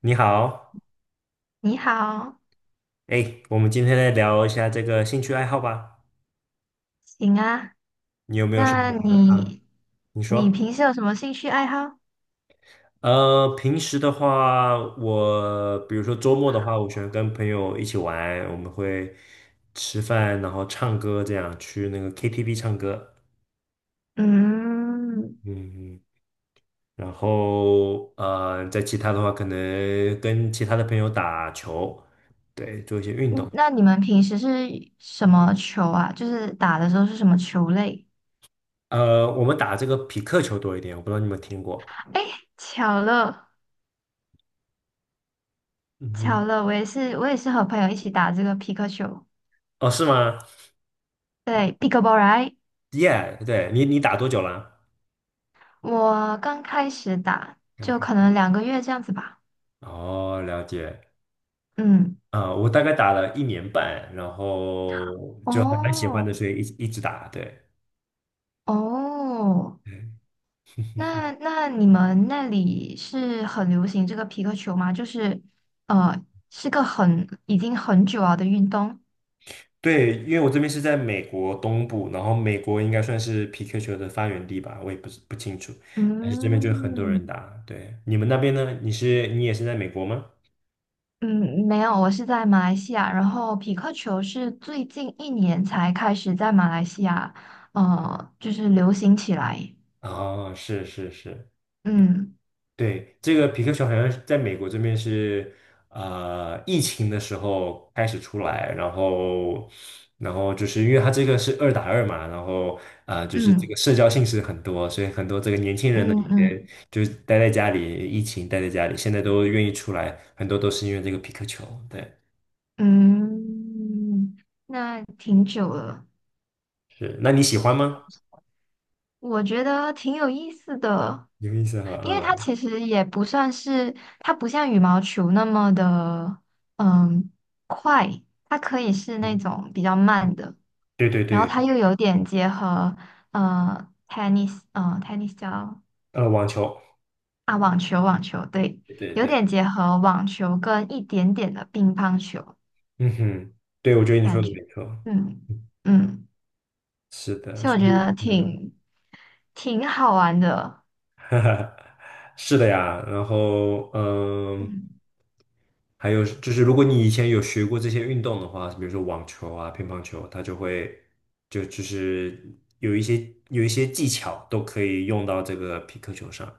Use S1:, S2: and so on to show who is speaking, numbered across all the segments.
S1: 你好，
S2: 你好，
S1: 哎，我们今天来聊一下这个兴趣爱好吧。
S2: 行啊。
S1: 你有没有什
S2: 那
S1: 么啊？
S2: 你
S1: 你
S2: 你
S1: 说，
S2: 平时有什么兴趣爱好？
S1: 平时的话，我比如说周末的话，我喜欢跟朋友一起玩，我们会吃饭，然后唱歌，这样去那个 KTV 唱歌。
S2: 嗯，
S1: 嗯，然后在其他的话，可能跟其他的朋友打球，对，做一些运
S2: 嗯
S1: 动。
S2: 那你们平时是什么球啊？就是打的时候是什么球类？
S1: 我们打这个匹克球多一点，我不知道你们听过。
S2: 哎，巧了，
S1: 嗯
S2: 巧
S1: 哼，
S2: 了，我也是和朋友一起打这个皮克球，
S1: 哦，是吗？
S2: 对，pickleball right？
S1: 耶，对你打多久了？
S2: 我刚开始打，
S1: 两
S2: 就
S1: 天
S2: 可能2个月这样子吧。
S1: 哦，了解。
S2: 嗯，
S1: 啊、我大概打了一年半，然后就还蛮喜欢
S2: 哦
S1: 的，所以一直一直打。对，
S2: 哦，
S1: 嗯
S2: 那你们那里是很流行这个皮克球吗？就是呃，是个很已经很久了的运动。
S1: 对，因为我这边是在美国东部，然后美国应该算是皮克球的发源地吧，我也不是不清楚。但是这边就有很多
S2: 嗯
S1: 人打。对，你们那边呢？你也是在美国吗？
S2: 嗯，没有，我是在马来西亚，然后匹克球是最近一年才开始在马来西亚就是流行起来。
S1: 啊，是是是，
S2: 嗯
S1: 对，这个皮克球好像是在美国这边是，疫情的时候开始出来，然后就是因为它这个是二打二嘛，然后就是这
S2: 嗯
S1: 个社交性是很多，所以很多这个年轻人呢，
S2: 嗯
S1: 以前
S2: 嗯
S1: 就是待在家里，疫情待在家里，现在都愿意出来，很多都是因为这个皮克球。对，
S2: 嗯，那挺久了，
S1: 是，那你喜欢吗？
S2: 我觉得挺有意思的。
S1: 有意思哈，
S2: 因为它
S1: 嗯，
S2: 其实也不算是，它不像羽毛球那么的，嗯，快，它可以是那
S1: 嗯
S2: 种比较慢的，
S1: 对对
S2: 然后
S1: 对，
S2: 它又有点结合，tennis 叫
S1: 网球，
S2: 啊，网球，网球，对，
S1: 对对
S2: 有
S1: 对，
S2: 点结合网球跟一点点的乒乓球
S1: 嗯哼，对，我觉得你
S2: 感
S1: 说的
S2: 觉，
S1: 没错，
S2: 嗯
S1: 嗯
S2: 嗯，
S1: 是的，
S2: 所以我
S1: 所
S2: 觉
S1: 以
S2: 得
S1: 呢。嗯
S2: 挺好玩的，
S1: 是的呀，然后
S2: 嗯
S1: 还有就是，如果你以前有学过这些运动的话，比如说网球啊、乒乓球，它就会就就是有一些技巧都可以用到这个皮克球上。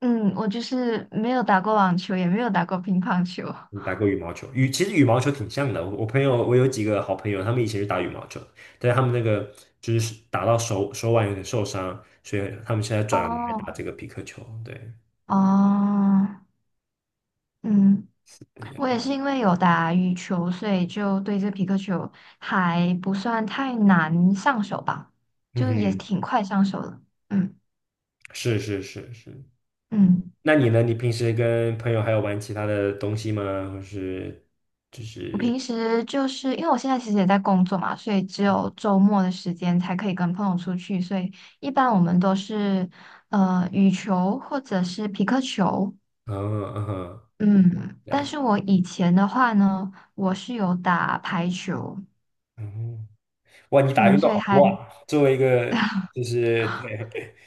S2: 嗯，我就是没有打过网球，也没有打过乒乓球。
S1: 你打过羽毛球？其实羽毛球挺像的。我我朋友我有几个好朋友，他们以前是打羽毛球，但是他们那个就是打到手腕有点受伤，所以他们现在转来打
S2: 哦
S1: 这个皮克球。对，
S2: 哦，嗯，
S1: 对呀
S2: 我也是因为有打羽球，所以就对这皮克球还不算太难上手吧，
S1: 嗯
S2: 就也
S1: 哼，
S2: 挺快上手的。嗯
S1: 是是是是，
S2: 嗯，
S1: 那你呢？你平时跟朋友还有玩其他的东西吗？或是，
S2: 我平时就是因为我现在其实也在工作嘛，所以只有周末的时间才可以跟朋友出去，所以一般我们都是羽球或者是皮克球。
S1: 嗯嗯哼，
S2: 嗯，
S1: 了
S2: 但
S1: 解，
S2: 是我以前的话呢，我是有打排球，
S1: 嗯，哇，你打
S2: 嗯，
S1: 运动
S2: 所以
S1: 好
S2: 还
S1: 多啊！作为一个就是，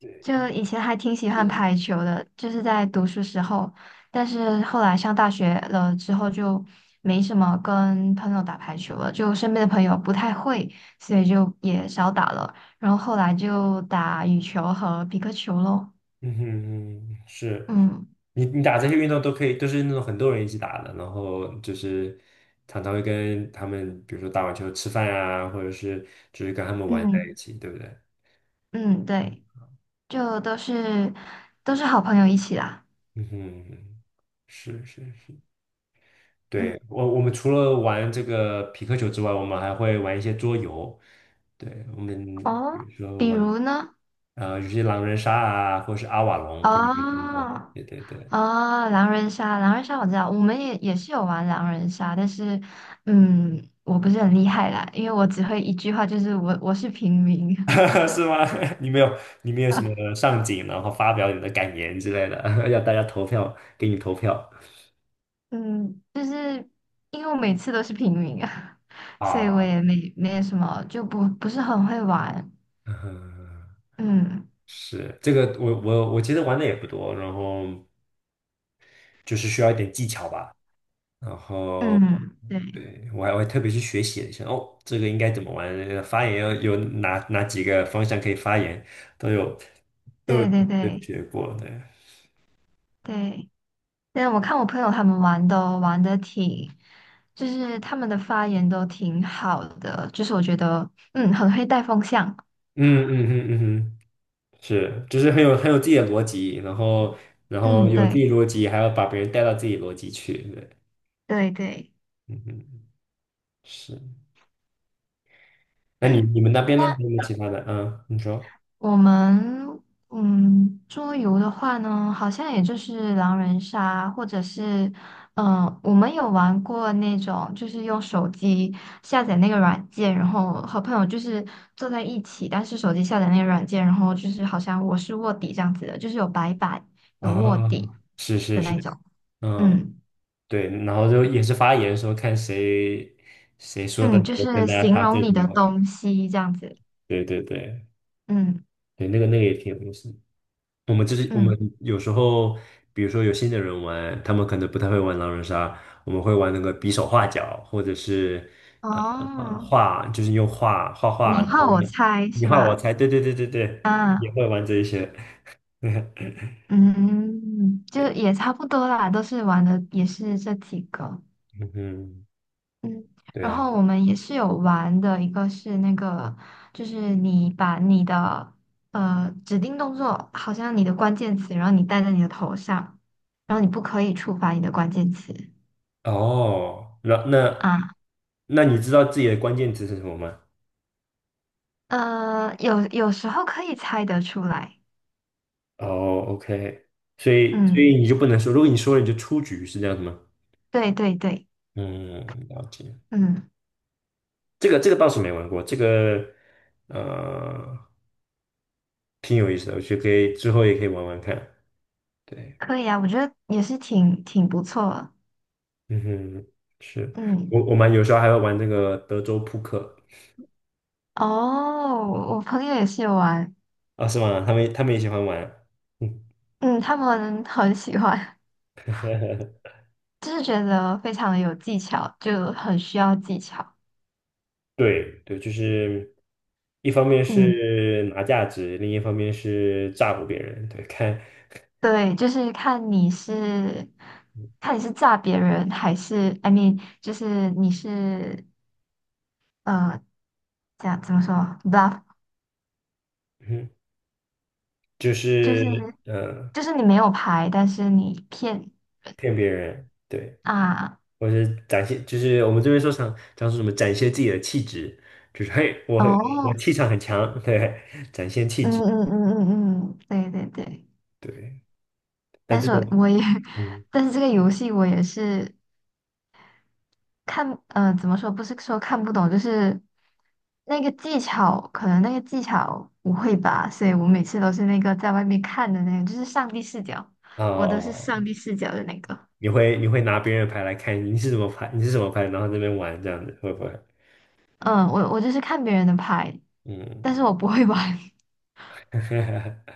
S1: 对，
S2: 就以前还挺喜欢排球的，就是在读书时候，但是后来上大学了之后就没什么跟朋友打排球了，就身边的朋友不太会，所以就也少打了。然后后来就打羽球和皮克球喽。
S1: 嗯哼嗯，是
S2: 嗯
S1: 你打这些运动都可以，都是那种很多人一起打的，然后就是常常会跟他们，比如说打完球吃饭啊，或者是就是跟他们玩在一
S2: 嗯
S1: 起，对不对？
S2: 嗯，对，就都是好朋友一起啦。
S1: 嗯哼，是是是。
S2: 嗯
S1: 对，我们除了玩这个皮克球之外，我们还会玩一些桌游。对，我们比
S2: 哦，
S1: 如说
S2: 比
S1: 玩
S2: 如呢？
S1: 有些狼人杀啊，或者是阿瓦隆，我不知道你有没有听过？
S2: 哦。
S1: 对对对，
S2: 啊，狼人杀，狼人杀我知道，我们也是有玩狼人杀，但是，我不是很厉害啦，因为我只会一句话，就是我是平民，
S1: 是吗？你没有什 么上镜，然后发表你的感言之类的，要大家投票，给你投票
S2: 嗯，就是因为我每次都是平民啊，所以我
S1: 啊。
S2: 也没有什么，就不是很会玩，
S1: 嗯，
S2: 嗯
S1: 是这个我其实玩的也不多，然后就是需要一点技巧吧。然后
S2: 嗯，对
S1: 对，我还会特别去学习了一下，哦，这个应该怎么玩？那个发言要有哪几个方向可以发言，都有都有
S2: 对对
S1: 个
S2: 对
S1: 学过对，嗯
S2: 对，但我看我朋友他们玩都玩的挺，就是他们的发言都挺好的，就是我觉得很会带风向。
S1: 嗯嗯嗯哼，是，就是很有自己的逻辑，然后
S2: 嗯，
S1: 有自己
S2: 对
S1: 逻辑，还要把别人带到自己逻辑去，对，
S2: 对对。
S1: 嗯嗯是。那你们那边呢？还有没
S2: 那
S1: 有其他的？嗯，你说
S2: 我们桌游的话呢，好像也就是狼人杀，或者是我们有玩过那种，就是用手机下载那个软件，然后和朋友就是坐在一起，但是手机下载那个软件，然后就是好像我是卧底这样子的，就是有白板有卧底
S1: 啊，是是
S2: 的那
S1: 是，
S2: 种，
S1: 嗯。
S2: 嗯
S1: 对，然后就也是发言说看谁说的
S2: 嗯，就
S1: 跟
S2: 是
S1: 大家
S2: 形
S1: 差
S2: 容
S1: 最
S2: 你的
S1: 多。
S2: 东西这样子，
S1: 对对对
S2: 嗯
S1: 对，那个也挺有意思的。我们就是我
S2: 嗯，
S1: 们有时候，比如说有新的人玩，他们可能不太会玩狼人杀，我们会玩那个比手画脚，或者是呃
S2: 哦。
S1: 画，就是用画画画，然
S2: 你换
S1: 后
S2: 我猜
S1: 你
S2: 是
S1: 画我
S2: 吧？
S1: 猜，对对对对对，也
S2: 啊，
S1: 会玩这一些。
S2: 嗯，就
S1: 对，
S2: 也差不多啦，都是玩的也是这几个，
S1: 嗯哼，
S2: 嗯，
S1: 对
S2: 然
S1: 啊，
S2: 后我们也是有玩的，一个是那个，就是你把你的指定动作，好像你的关键词，然后你戴在你的头上，然后你不可以触发你的关键词
S1: 哦，那那
S2: 啊，
S1: 那你知道自己的关键词是什么吗？
S2: 有时候可以猜得出来，
S1: 哦，OK，所以所
S2: 嗯，
S1: 以你就不能说，如果你说了你就出局，是这样子吗？
S2: 对对对，
S1: 嗯，了解。
S2: 嗯，
S1: 这个倒是没玩过，这个呃挺有意思的，我觉得可以之后也可以玩玩看。对，
S2: 可以啊，我觉得也是挺不错的，
S1: 嗯哼，是
S2: 嗯。
S1: 我们有时候还会玩那个德州扑克
S2: 哦，我朋友也是有玩，
S1: 啊，是吗？他们也喜欢玩。嗯
S2: 嗯，他们很喜欢，就是觉得非常的有技巧，就很需要技巧。
S1: 对对，就是一方面
S2: 嗯，
S1: 是拿价值，另一方面是诈唬别人。对，看，
S2: 对，就是看你是炸别人，还是 I mean，就是你是呃，这样怎么说 bluff，
S1: 嗯，就
S2: 就
S1: 是
S2: 是
S1: 呃，
S2: 就是你没有牌，但是你骗
S1: 骗别人，对，
S2: 啊，
S1: 或者是展现，就是我们这边常常说什么展现自己的气质，就是嘿，我
S2: 哦，
S1: 气场很强，对，展现气
S2: 嗯
S1: 质，
S2: 嗯嗯嗯嗯，对对对，
S1: 对。那
S2: 但
S1: 这
S2: 是我
S1: 种，
S2: 我也。
S1: 嗯，
S2: 但是这个游戏我也是，看，怎么说？不是说看不懂，就是那个技巧，可能那个技巧不会吧，所以我每次都是那个在外面看的那个，就是上帝视角，我都是上
S1: 哦，
S2: 帝视角的那个。
S1: 你会拿别人的牌来看你是怎么牌，然后这边玩这样子，会不会？
S2: 嗯，我就是看别人的牌，
S1: 嗯，
S2: 但是我不会玩。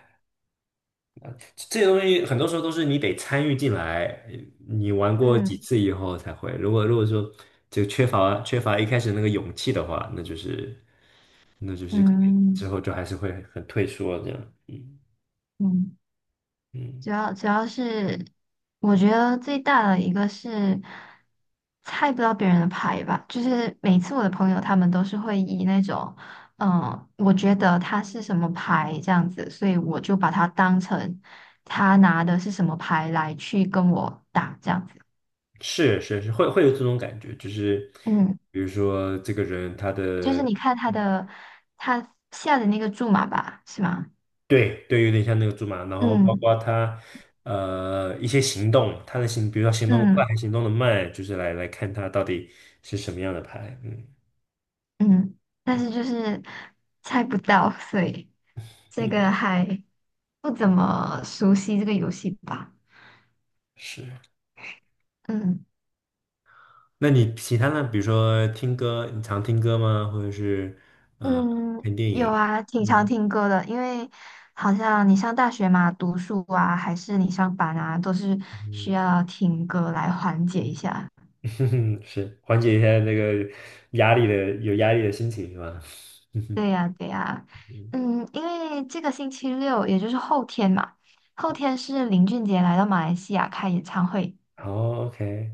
S1: 这些东西很多时候都是你得参与进来，你玩过几
S2: 嗯
S1: 次以后才会。如果说就缺乏一开始那个勇气的话，那就是。可能之
S2: 嗯
S1: 后就还是会很退缩这样，嗯
S2: 嗯。
S1: 嗯，
S2: 主要是，我觉得最大的一个是猜不到别人的牌吧，就是每次我的朋友他们都是会以那种，嗯，我觉得他是什么牌这样子，所以我就把它当成他拿的是什么牌来去跟我打这样子。
S1: 是是是，会有这种感觉，就是
S2: 嗯，
S1: 比如说这个人
S2: 就是你看他的他下的那个注码吧，是吗？
S1: 对对，有点像那个猪马，然后包
S2: 嗯
S1: 括他一些行动，他的行，比如说行动得快
S2: 嗯。
S1: 还行动的慢，就是来看他到底是什么样的牌，嗯
S2: 嗯，但是就是猜不到，所以这
S1: 嗯，
S2: 个还不怎么熟悉这个游戏吧。
S1: 是。
S2: 嗯
S1: 那你其他呢？比如说听歌，你常听歌吗？或者是呃
S2: 嗯，
S1: 看电
S2: 有
S1: 影？
S2: 啊，挺常
S1: 嗯
S2: 听歌的，因为好像你上大学嘛，读书啊，还是你上班啊，都是需
S1: 嗯
S2: 要听歌来缓解一下。
S1: 哼哼，是缓解一下那个压力的有压力的心情是吧？嗯哼，
S2: 对呀，对呀，嗯，因为这个星期六，也就是后天嘛，后天是林俊杰来到马来西亚开演唱会，
S1: 好，OK，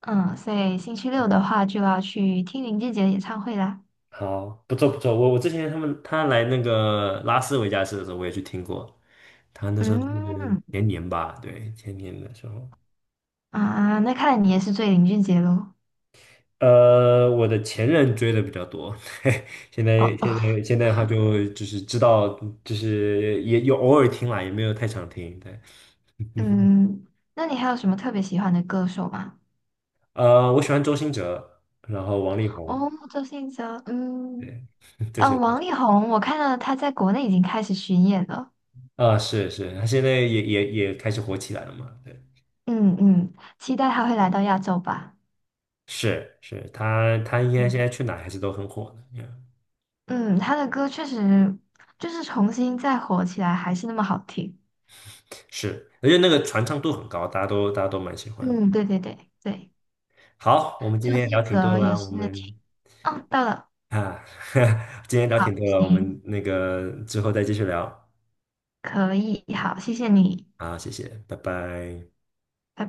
S2: 嗯，所以星期六的话就要去听林俊杰的演唱会啦。
S1: 好，不错不错。我之前他来那个拉斯维加斯的时候，我也去听过。他那时候是
S2: 嗯，
S1: 前年吧，对，前年的时候。
S2: 啊，那看来你也是追林俊杰喽。
S1: 我的前任追的比较多，现在
S2: 哦，
S1: 现
S2: 哦，
S1: 在现在的话就是知道，就是也有偶尔听啦，也没有太常听。对，
S2: 嗯，那你还有什么特别喜欢的歌手吗？
S1: 我喜欢周兴哲，然后王力宏，
S2: 哦，周星哲，嗯，
S1: 对，这些。
S2: 王力宏，我看到他在国内已经开始巡演了。
S1: 啊，是是，他现在也开始火起来了嘛？对，
S2: 嗯嗯，期待他会来到亚洲吧。
S1: 是是，他应该现
S2: 嗯
S1: 在去哪还是都很火的嗯，
S2: 嗯，他的歌确实就是重新再火起来，还是那么好听。
S1: 是，而且那个传唱度很高，大家都蛮喜欢的。
S2: 嗯，对对对对，
S1: 好，我们今
S2: 周
S1: 天聊
S2: 星
S1: 挺多
S2: 哲也
S1: 啦，我
S2: 是挺，
S1: 们
S2: 哦，到了。
S1: 啊，今天聊
S2: 好，
S1: 挺多了，我
S2: 行，
S1: 们那个之后再继续聊。
S2: 可以，好，谢谢你，
S1: 好，谢谢，拜拜。
S2: 拜拜。